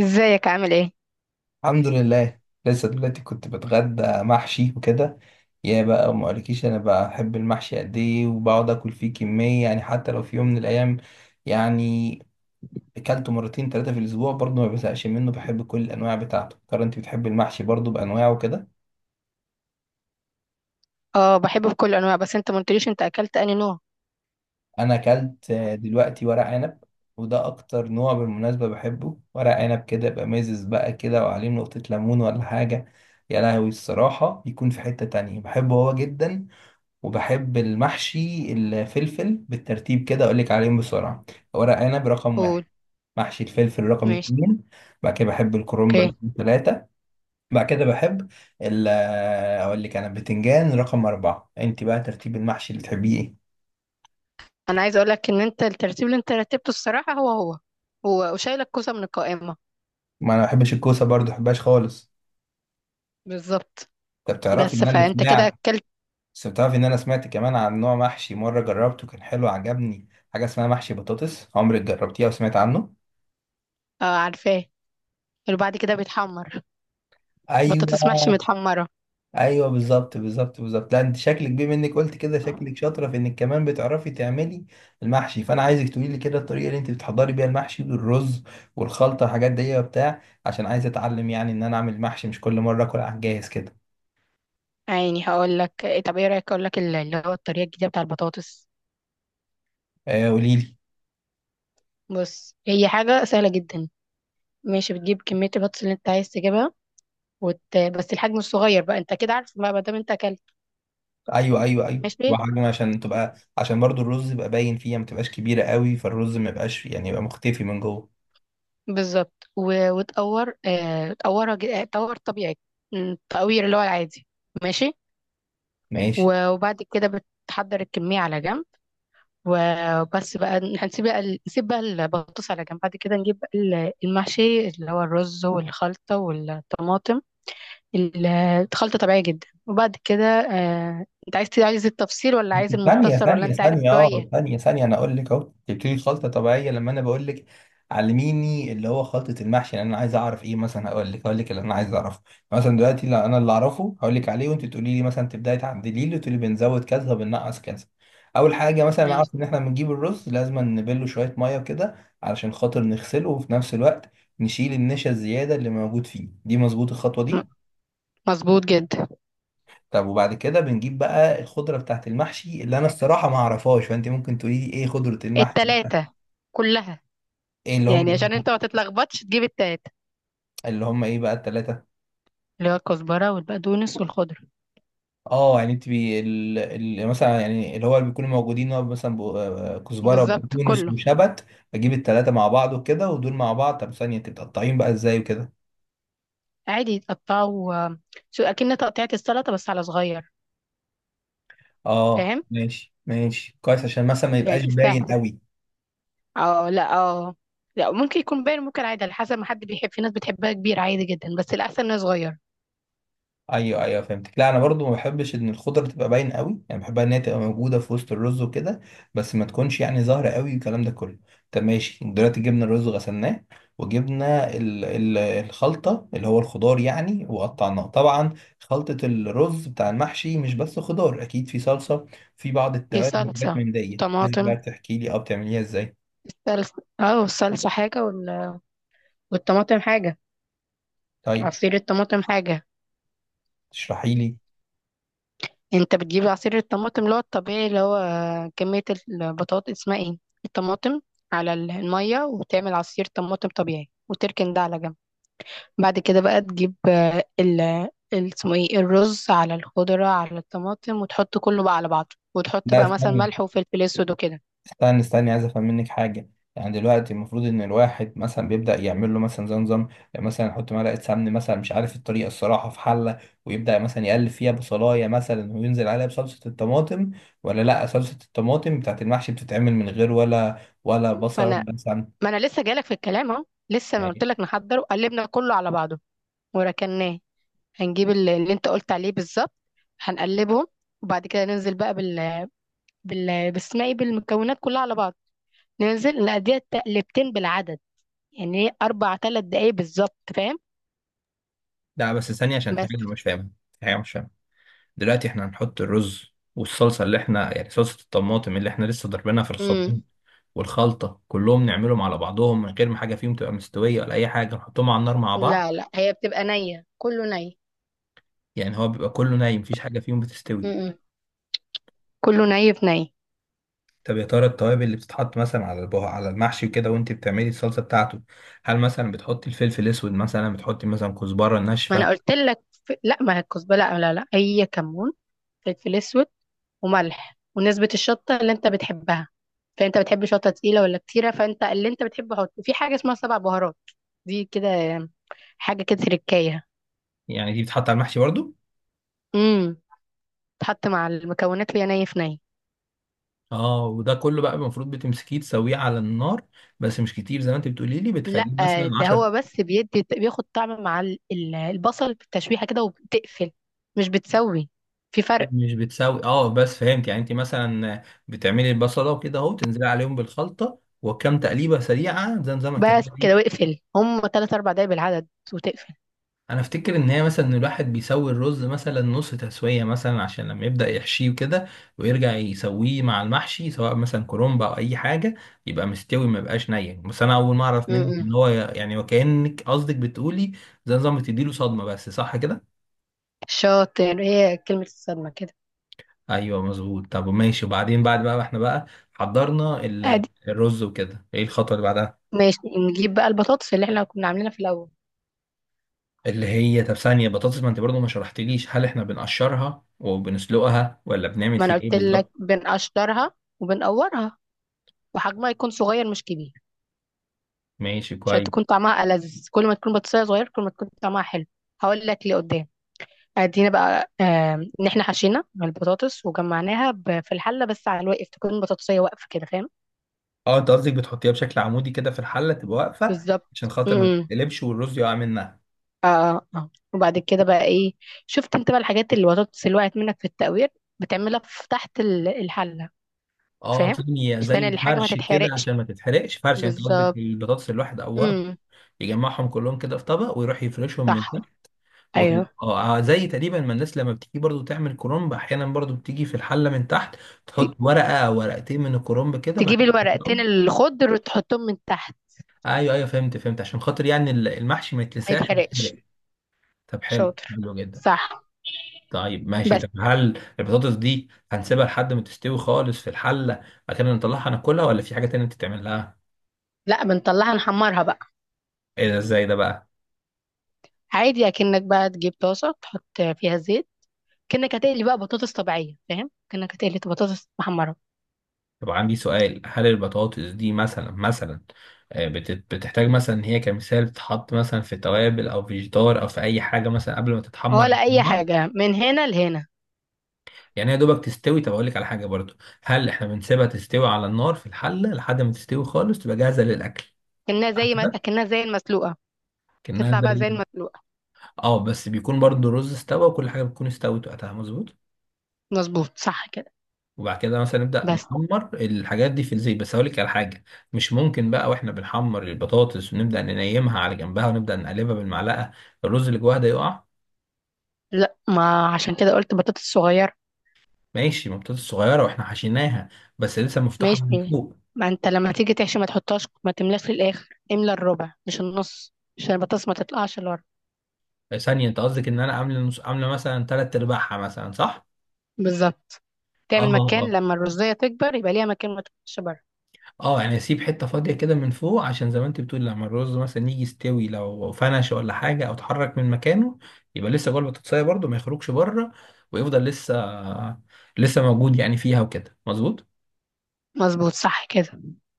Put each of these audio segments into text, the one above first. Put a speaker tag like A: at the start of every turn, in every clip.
A: ازيك عامل ايه؟
B: الحمد لله. لسه دلوقتي كنت بتغدى محشي وكده. يا بقى ما اقولكيش انا بحب المحشي قد ايه وبقعد اكل فيه كميه، يعني حتى لو في يوم من الايام يعني اكلته مرتين ثلاثه في الاسبوع برضه ما بزهقش منه، بحب كل الانواع بتاعته. ترى انت بتحبي المحشي برضه بانواعه كده؟
A: اه، بحب بكل انواع، بس انت ما قلتليش انت اكلت انهي نوع؟
B: انا اكلت دلوقتي ورق عنب، وده اكتر نوع بالمناسبه بحبه، ورق عنب كده يبقى مزز بقى كده وعليه نقطه ليمون ولا حاجه، يا لهوي الصراحه. يكون في حته تانية بحبه هو جدا، وبحب المحشي الفلفل. بالترتيب كده اقول لك عليهم بسرعه: ورق عنب رقم واحد،
A: قول.
B: محشي الفلفل رقم
A: ماشي.
B: اتنين، بعد كده بحب الكرنب
A: اوكي.
B: رقم ثلاثة، بعد كده بحب ال آه، اقول لك، انا البتنجان رقم أربعة. انت بقى ترتيب المحشي اللي بتحبيه ايه؟
A: انا عايزه اقول لك ان انت الترتيب اللي انت رتبته الصراحه هو هو. هو وشايل الكوسه من القائمه.
B: ما انا ما بحبش الكوسة برضه، ما بحبهاش خالص.
A: بالظبط.
B: انت بتعرفي
A: بس
B: ان انا
A: فانت كده
B: سمعت،
A: اكلت.
B: بس بتعرفي ان انا سمعت كمان عن نوع محشي مرة جربته كان حلو عجبني، حاجة اسمها محشي بطاطس، عمرك جربتيها وسمعت عنه؟
A: اه، عارفاه. اللي بعد كده بيتحمر.
B: ايوه
A: بطاطس محشي متحمره.
B: ايوه، بالظبط بالظبط بالظبط. لا انت شكلك، بما انك قلت كده، شكلك شاطره في انك كمان بتعرفي تعملي المحشي، فانا عايزك تقولي لي كده الطريقه اللي انت بتحضري بيها المحشي والرز والخلطه والحاجات دي وبتاع، عشان عايز اتعلم يعني ان انا اعمل محشي، مش كل مره اكل على الجاهز كده.
A: عيني هقول لك. طب ايه رايك اقول لك اللي هو الطريقه الجديده بتاع البطاطس.
B: قولي لي.
A: بص، هي حاجة سهلة جدا. ماشي. بتجيب كمية البطاطس اللي انت عايز تجيبها. بس الحجم الصغير بقى، انت كده عارف بقى ما دام انت اكلت.
B: ايوه ايوه ايوه،
A: ماشي.
B: وحجم عشان تبقى، عشان برضو الرز يبقى باين فيها، ما تبقاش كبيره قوي فالرز ما يبقاش يعني يبقى مختفي من جوه.
A: بالظبط. وتقور، تقورها، تقور طبيعي. التقوير اللي هو العادي. ماشي.
B: ماشي.
A: وبعد كده بتحضر الكمية على جنب. وبس بقى، نسيب بقى البطاطس على جنب. بعد كده نجيب بقى المحشي اللي هو الرز والخلطة والطماطم. ال- الخلطة طبيعية جدا. وبعد كده، انت عايز التفصيل، ولا عايز
B: ثانية
A: المختصر، ولا
B: ثانية
A: انت عارف
B: ثانية،
A: شوية؟
B: اه ثانية ثانية، انا اقول لك. اهو تبتدي خلطة طبيعية لما انا بقول لك علميني اللي هو خلطة المحشي، لان انا عايز اعرف ايه مثلا. اقول لك اللي انا عايز اعرفه. مثلا دلوقتي لا، انا اللي اعرفه هقول لك عليه وانت تقولي لي مثلا، تبداي تعدلي لي وتقولي بنزود كذا وبننقص كذا. اول حاجة مثلا
A: ماشي.
B: اعرف ان احنا بنجيب الرز، لازم نبله شوية مية كده علشان خاطر نغسله وفي نفس الوقت نشيل النشا الزيادة اللي موجود فيه دي. مظبوط الخطوة
A: م-
B: دي؟
A: مظبوط جدا.
B: طب وبعد كده بنجيب بقى الخضرة بتاعت المحشي، اللي أنا الصراحة ما أعرفهاش، فأنت ممكن تقولي لي إيه خضرة المحشي؟
A: التلاتة كلها.
B: إيه اللي
A: يعني
B: هم؟
A: عشان انت ما تتلخبطش تجيب التلاتة.
B: اللي هم إيه بقى التلاتة؟
A: اللي هو الكزبرة والبقدونس والخضرة.
B: آه يعني أنت مثلا يعني اللي هو اللي بيكونوا موجودين هو مثلا ب... آه، كزبرة
A: بالظبط،
B: وبقدونس
A: كله.
B: وشبت. بجيب التلاتة مع بعض وكده ودول مع بعض. طب ثانية، أنت بتقطعين بقى إزاي وكده؟
A: عادي تقطعه، شو اكن تقطيعة السلطة، بس على صغير.
B: آه
A: فاهم.
B: ماشي ماشي، كويس، عشان مثلا ما يبقاش
A: يعني
B: باين
A: سهل.
B: قوي.
A: اه، لا، اه. لا، ممكن يكون باين، ممكن عادي على حسب ما حد بيحب. في ناس بتحبها كبير، عادي جدا، بس الأحسن انه صغير.
B: ايوه ايوه فهمتك، لا انا برضو ما بحبش ان الخضره تبقى باين قوي، يعني بحبها ان هي تبقى موجوده في وسط الرز وكده، بس ما تكونش يعني ظاهره قوي، الكلام ده كله. طب ماشي، دلوقتي جبنا الرز غسلناه، وجبنا ال الخلطه اللي هو الخضار يعني، وقطعناه طبعا. خلطه الرز بتاع المحشي مش بس خضار، اكيد في صلصه، في بعض
A: في
B: التوابل وحاجات
A: صلصة
B: من دي، عايزك بقى
A: طماطم.
B: تحكي لي اه بتعمليها ازاي.
A: الصلصة حاجة، والطماطم حاجة.
B: طيب
A: عصير الطماطم حاجة.
B: اشرحي لي.
A: انت بتجيب عصير الطماطم اللي هو الطبيعي، اللي هو كمية البطاطس، اسمها ايه، الطماطم على المية، وتعمل عصير طماطم طبيعي وتركن ده على جنب. بعد كده بقى تجيب، اسمه ايه، الرز على الخضرة على الطماطم، وتحط كله بقى على بعضه، وتحط
B: لا
A: بقى مثلا
B: استني
A: ملح وفلفل اسود وكده.
B: استنى استنى، عايز افهم منك حاجه. يعني دلوقتي المفروض ان الواحد مثلا بيبدا يعمل له مثلا زي نظام، يعني مثلا يحط معلقه سمن مثلا، مش عارف الطريقه الصراحه، في حله، ويبدا مثلا يقلب فيها بصلايه مثلا وينزل عليها بصلصه الطماطم، ولا لا، صلصه الطماطم بتاعت المحشي بتتعمل من غير ولا
A: ما
B: بصل
A: انا
B: ولا سمن؟
A: ما انا لسه جالك في الكلام اهو، لسه ما قلت
B: ماشي.
A: لك. نحضره، قلبنا كله على بعضه وركناه. هنجيب اللي انت قلت عليه بالظبط، هنقلبهم. وبعد كده ننزل بقى بال، باسمها ايه، بالمكونات كلها على بعض. ننزل نقضيها تقلبتين بالعدد. يعني ايه 4 3 دقايق بالظبط، فاهم؟
B: لا بس ثانيه، عشان في
A: بس.
B: حاجه أنا مش فاهمها، في حاجه مش فاهمها. دلوقتي احنا هنحط الرز والصلصة اللي احنا، يعني صلصة الطماطم اللي احنا لسه ضاربينها في الخلاط،
A: امم.
B: والخلطة، كلهم نعملهم على بعضهم من غير ما حاجة فيهم تبقى مستوية ولا أي حاجة، نحطهم على النار مع بعض؟
A: لا لا، هي بتبقى نية، كله ني.
B: يعني هو بيبقى كله نايم، مفيش حاجة فيهم بتستوي؟
A: امم. كله ني في ني.
B: طب يا ترى التوابل اللي بتتحط مثلا على على المحشي وكده، وانت بتعملي الصلصة بتاعته، هل مثلا بتحطي الفلفل الأسود، مثلا بتحطي مثلا كزبرة
A: ما انا
B: ناشفة؟
A: قلت لك، لا، ما هي الكزبره، لا لا لا، هي كمون، فلفل اسود، وملح، ونسبة الشطة اللي انت بتحبها. فانت بتحب شطة تقيلة ولا كتيرة؟ فانت اللي انت بتحبه حط. في حاجة اسمها سبع بهارات، دي كده حاجة كده تركاية.
B: يعني دي بتتحط على المحشي برضو؟
A: امم. تحط مع المكونات وهي ني في ني.
B: اه. وده كله بقى المفروض بتمسكيه تسويه على النار، بس مش كتير زي ما انت بتقولي لي،
A: لا،
B: بتخليه مثلا
A: ده
B: 10؟
A: هو بس بيدي، بياخد طعم مع البصل بالتشويحة كده وبتقفل. مش بتسوي، في فرق.
B: مش بتساوي، اه بس فهمت. يعني انت مثلا بتعملي البصله وكده، اهو تنزلي عليهم بالخلطه وكم تقليبه سريعه زي نظامك انت،
A: بس كده
B: ايه؟
A: واقفل هم 3 4 دقايق بالعدد وتقفل.
B: انا افتكر ان هي مثلا، إن الواحد بيسوي الرز مثلا نص تسويه مثلا، عشان لما يبدا يحشيه كده ويرجع يسويه مع المحشي سواء مثلا كرنب او اي حاجه يبقى مستوي، ما يبقاش ني. بس انا اول ما اعرف منك
A: امم.
B: ان هو يعني، وكانك قصدك بتقولي زي نظام بتديله صدمه بس، صح كده؟
A: شاطر، هي كلمة الصدمة كده.
B: ايوه مظبوط. طب ماشي. وبعدين بعد بقى ما احنا بقى حضرنا
A: ادي.
B: الرز وكده، ايه الخطوه اللي بعدها؟
A: ماشي، نجيب بقى البطاطس اللي احنا كنا عاملينها في الأول.
B: اللي هي، طب ثانيه، بطاطس ما انت برضو ما شرحتليش هل احنا بنقشرها وبنسلقها ولا بنعمل
A: ما أنا
B: فيه ايه
A: قلت لك
B: بالظبط؟
A: بنقشرها وبنقورها، وحجمها يكون صغير مش كبير.
B: ماشي
A: عشان
B: كويس.
A: تكون طعمها ألذ، كل ما تكون بطيخة صغير كل ما تكون طعمها حلو. هقول لك لقدام. ادينا بقى، ان احنا حشينا من البطاطس وجمعناها في الحله، بس على الواقف تكون بطاطسيه واقفه كده، فاهم؟
B: اه انت قصدك بتحطيها بشكل عمودي كده في الحله تبقى واقفه، عشان
A: بالظبط.
B: خاطر ما
A: امم.
B: تتقلبش والرز يقع منها.
A: اه، اه، آه. وبعد كده بقى ايه؟ شفت انت بقى الحاجات، اللي البطاطس اللي وقعت منك في التقوير، بتعملها في تحت الحله.
B: اه
A: فاهم.
B: ثانيه،
A: عشان
B: زي
A: الحاجه ما
B: فرش كده
A: تتحرقش.
B: عشان ما تتحرقش؟ فرش يعني انت قصدك
A: بالظبط.
B: البطاطس الواحد او ورق،
A: امم.
B: يجمعهم كلهم كده في طبق ويروح يفرشهم من
A: صح. ايوه.
B: زي تقريبا ما الناس لما بتيجي برضو تعمل كرنب، احيانا برضو بتيجي في الحله من تحت
A: ت-
B: تحط ورقه أو ورقتين من الكرنب كده بعد
A: تجيب
B: كده
A: الورقتين الخضر وتحطهم من تحت.
B: ايوه ايوه فهمت فهمت، عشان خاطر يعني المحشي ما
A: ما
B: يتلسعش
A: يتحرقش.
B: ويتحرق. طب حلو
A: شاطر.
B: حلو جدا.
A: صح.
B: طيب ماشي،
A: بس.
B: طب هل البطاطس دي هنسيبها لحد ما تستوي خالص في الحله، بعد كده نطلعها ناكلها ولا في حاجه تانية بتتعمل لها؟
A: لا، بنطلعها نحمرها بقى.
B: ايه ده، ازاي ده بقى؟
A: عادي، اكنك بقى تجيب طاسه تحط فيها زيت، كأنك هتقلي بقى بطاطس طبيعيه، فاهم، كأنك هتقلي بطاطس محمره.
B: طب عندي سؤال، هل البطاطس دي مثلا مثلا، بتحتاج مثلا ان هي كمثال تتحط مثلا في توابل او في جدار او في اي حاجه مثلا قبل ما تتحمر
A: ولا
B: على
A: اي
B: النار؟
A: حاجه من هنا لهنا.
B: يعني هي دوبك تستوي. طب اقول لك على حاجه برضو، هل احنا بنسيبها تستوي على النار في الحله لحد ما تستوي خالص تبقى جاهزه للاكل؟
A: كأنها
B: صح
A: زي ما
B: كده.
A: كأنها زي المسلوقه.
B: كانها
A: تطلع بقى
B: زي.
A: زي المسلوقه.
B: اه بس بيكون برضو الرز استوى وكل حاجه بتكون استوت وقتها، مظبوط.
A: مظبوط صح كده.
B: وبعد كده مثلا نبدأ
A: بس.
B: نحمر الحاجات دي في الزيت. بس هقول لك على حاجة، مش ممكن بقى واحنا بنحمر البطاطس ونبدأ ننيمها على جنبها ونبدأ نقلبها بالمعلقة، الرز اللي جواها ده يقع؟
A: لا، ما عشان كده قلت بطاطس صغيره.
B: ماشي، ما البطاطس صغيرة واحنا حشيناها، بس لسه مفتوحة من
A: ماشي.
B: فوق.
A: ما انت لما تيجي تحشي، ما تحطهاش، ما تملاش للاخر، املى الربع مش النص، عشان البطاطس ما تطلعش لورا.
B: ثانية، انت قصدك ان انا عامل نص، عاملة مثلا تلات ارباعها مثلا، صح؟
A: بالظبط.
B: اه.
A: تعمل مكان
B: آه.
A: لما الرزية تكبر، يبقى ليها مكان، ما تكونش بره.
B: اه يعني اسيب حته فاضيه كده من فوق، عشان زي ما انت بتقول لما الرز مثلا يجي يستوي، لو فنش ولا حاجه او اتحرك من مكانه يبقى لسه جوه البطاطسايه برده، ما يخرجش بره ويفضل لسه موجود يعني فيها وكده، مظبوط.
A: مظبوط صح كده.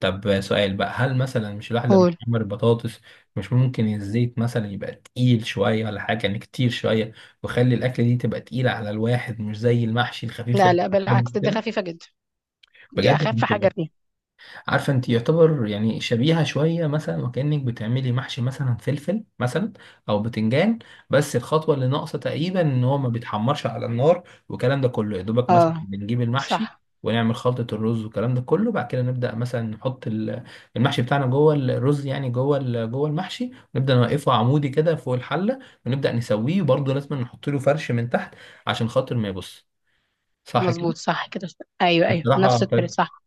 B: طب سؤال بقى، هل مثلا مش الواحد لما
A: قول.
B: يحمر البطاطس، مش ممكن الزيت مثلا يبقى تقيل شويه ولا حاجه، يعني كتير شويه، ويخلي الاكله دي تبقى تقيله على الواحد، مش زي المحشي الخفيف
A: لا
B: اللي
A: لا،
B: بنحبه
A: بالعكس، دي
B: كده؟
A: خفيفة جدا. دي
B: بجد؟
A: أخف حاجة فيها.
B: عارفة انت، يعتبر يعني شبيهة شوية، مثلا وكأنك بتعملي محشي مثلا فلفل مثلا او بتنجان، بس الخطوة اللي ناقصة تقريبا ان هو ما بيتحمرش على النار والكلام ده كله. يا دوبك مثلا
A: اه،
B: بنجيب المحشي
A: صح.
B: ونعمل خلطة الرز والكلام ده كله، بعد كده نبدأ مثلا نحط المحشي بتاعنا جوه الرز، يعني جوه جوه المحشي، ونبدأ نوقفه عمودي كده فوق الحلة ونبدأ نسويه، وبرضه لازم نحط له فرش من تحت عشان خاطر ما يبص، صح كده؟
A: مظبوط صح كده. أيوه أيوه، نفس
B: بصراحة
A: الطريقة صح.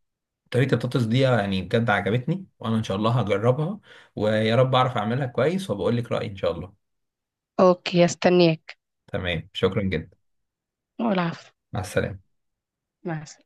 B: طريقة البطاطس دي يعني بجد عجبتني، وانا ان شاء الله هجربها ويا رب اعرف اعملها كويس، وبقول لك رأيي ان شاء الله.
A: أوكي، استنيك.
B: تمام، شكرا جدا.
A: والعفو.
B: مع السلامة.
A: مع السلامة.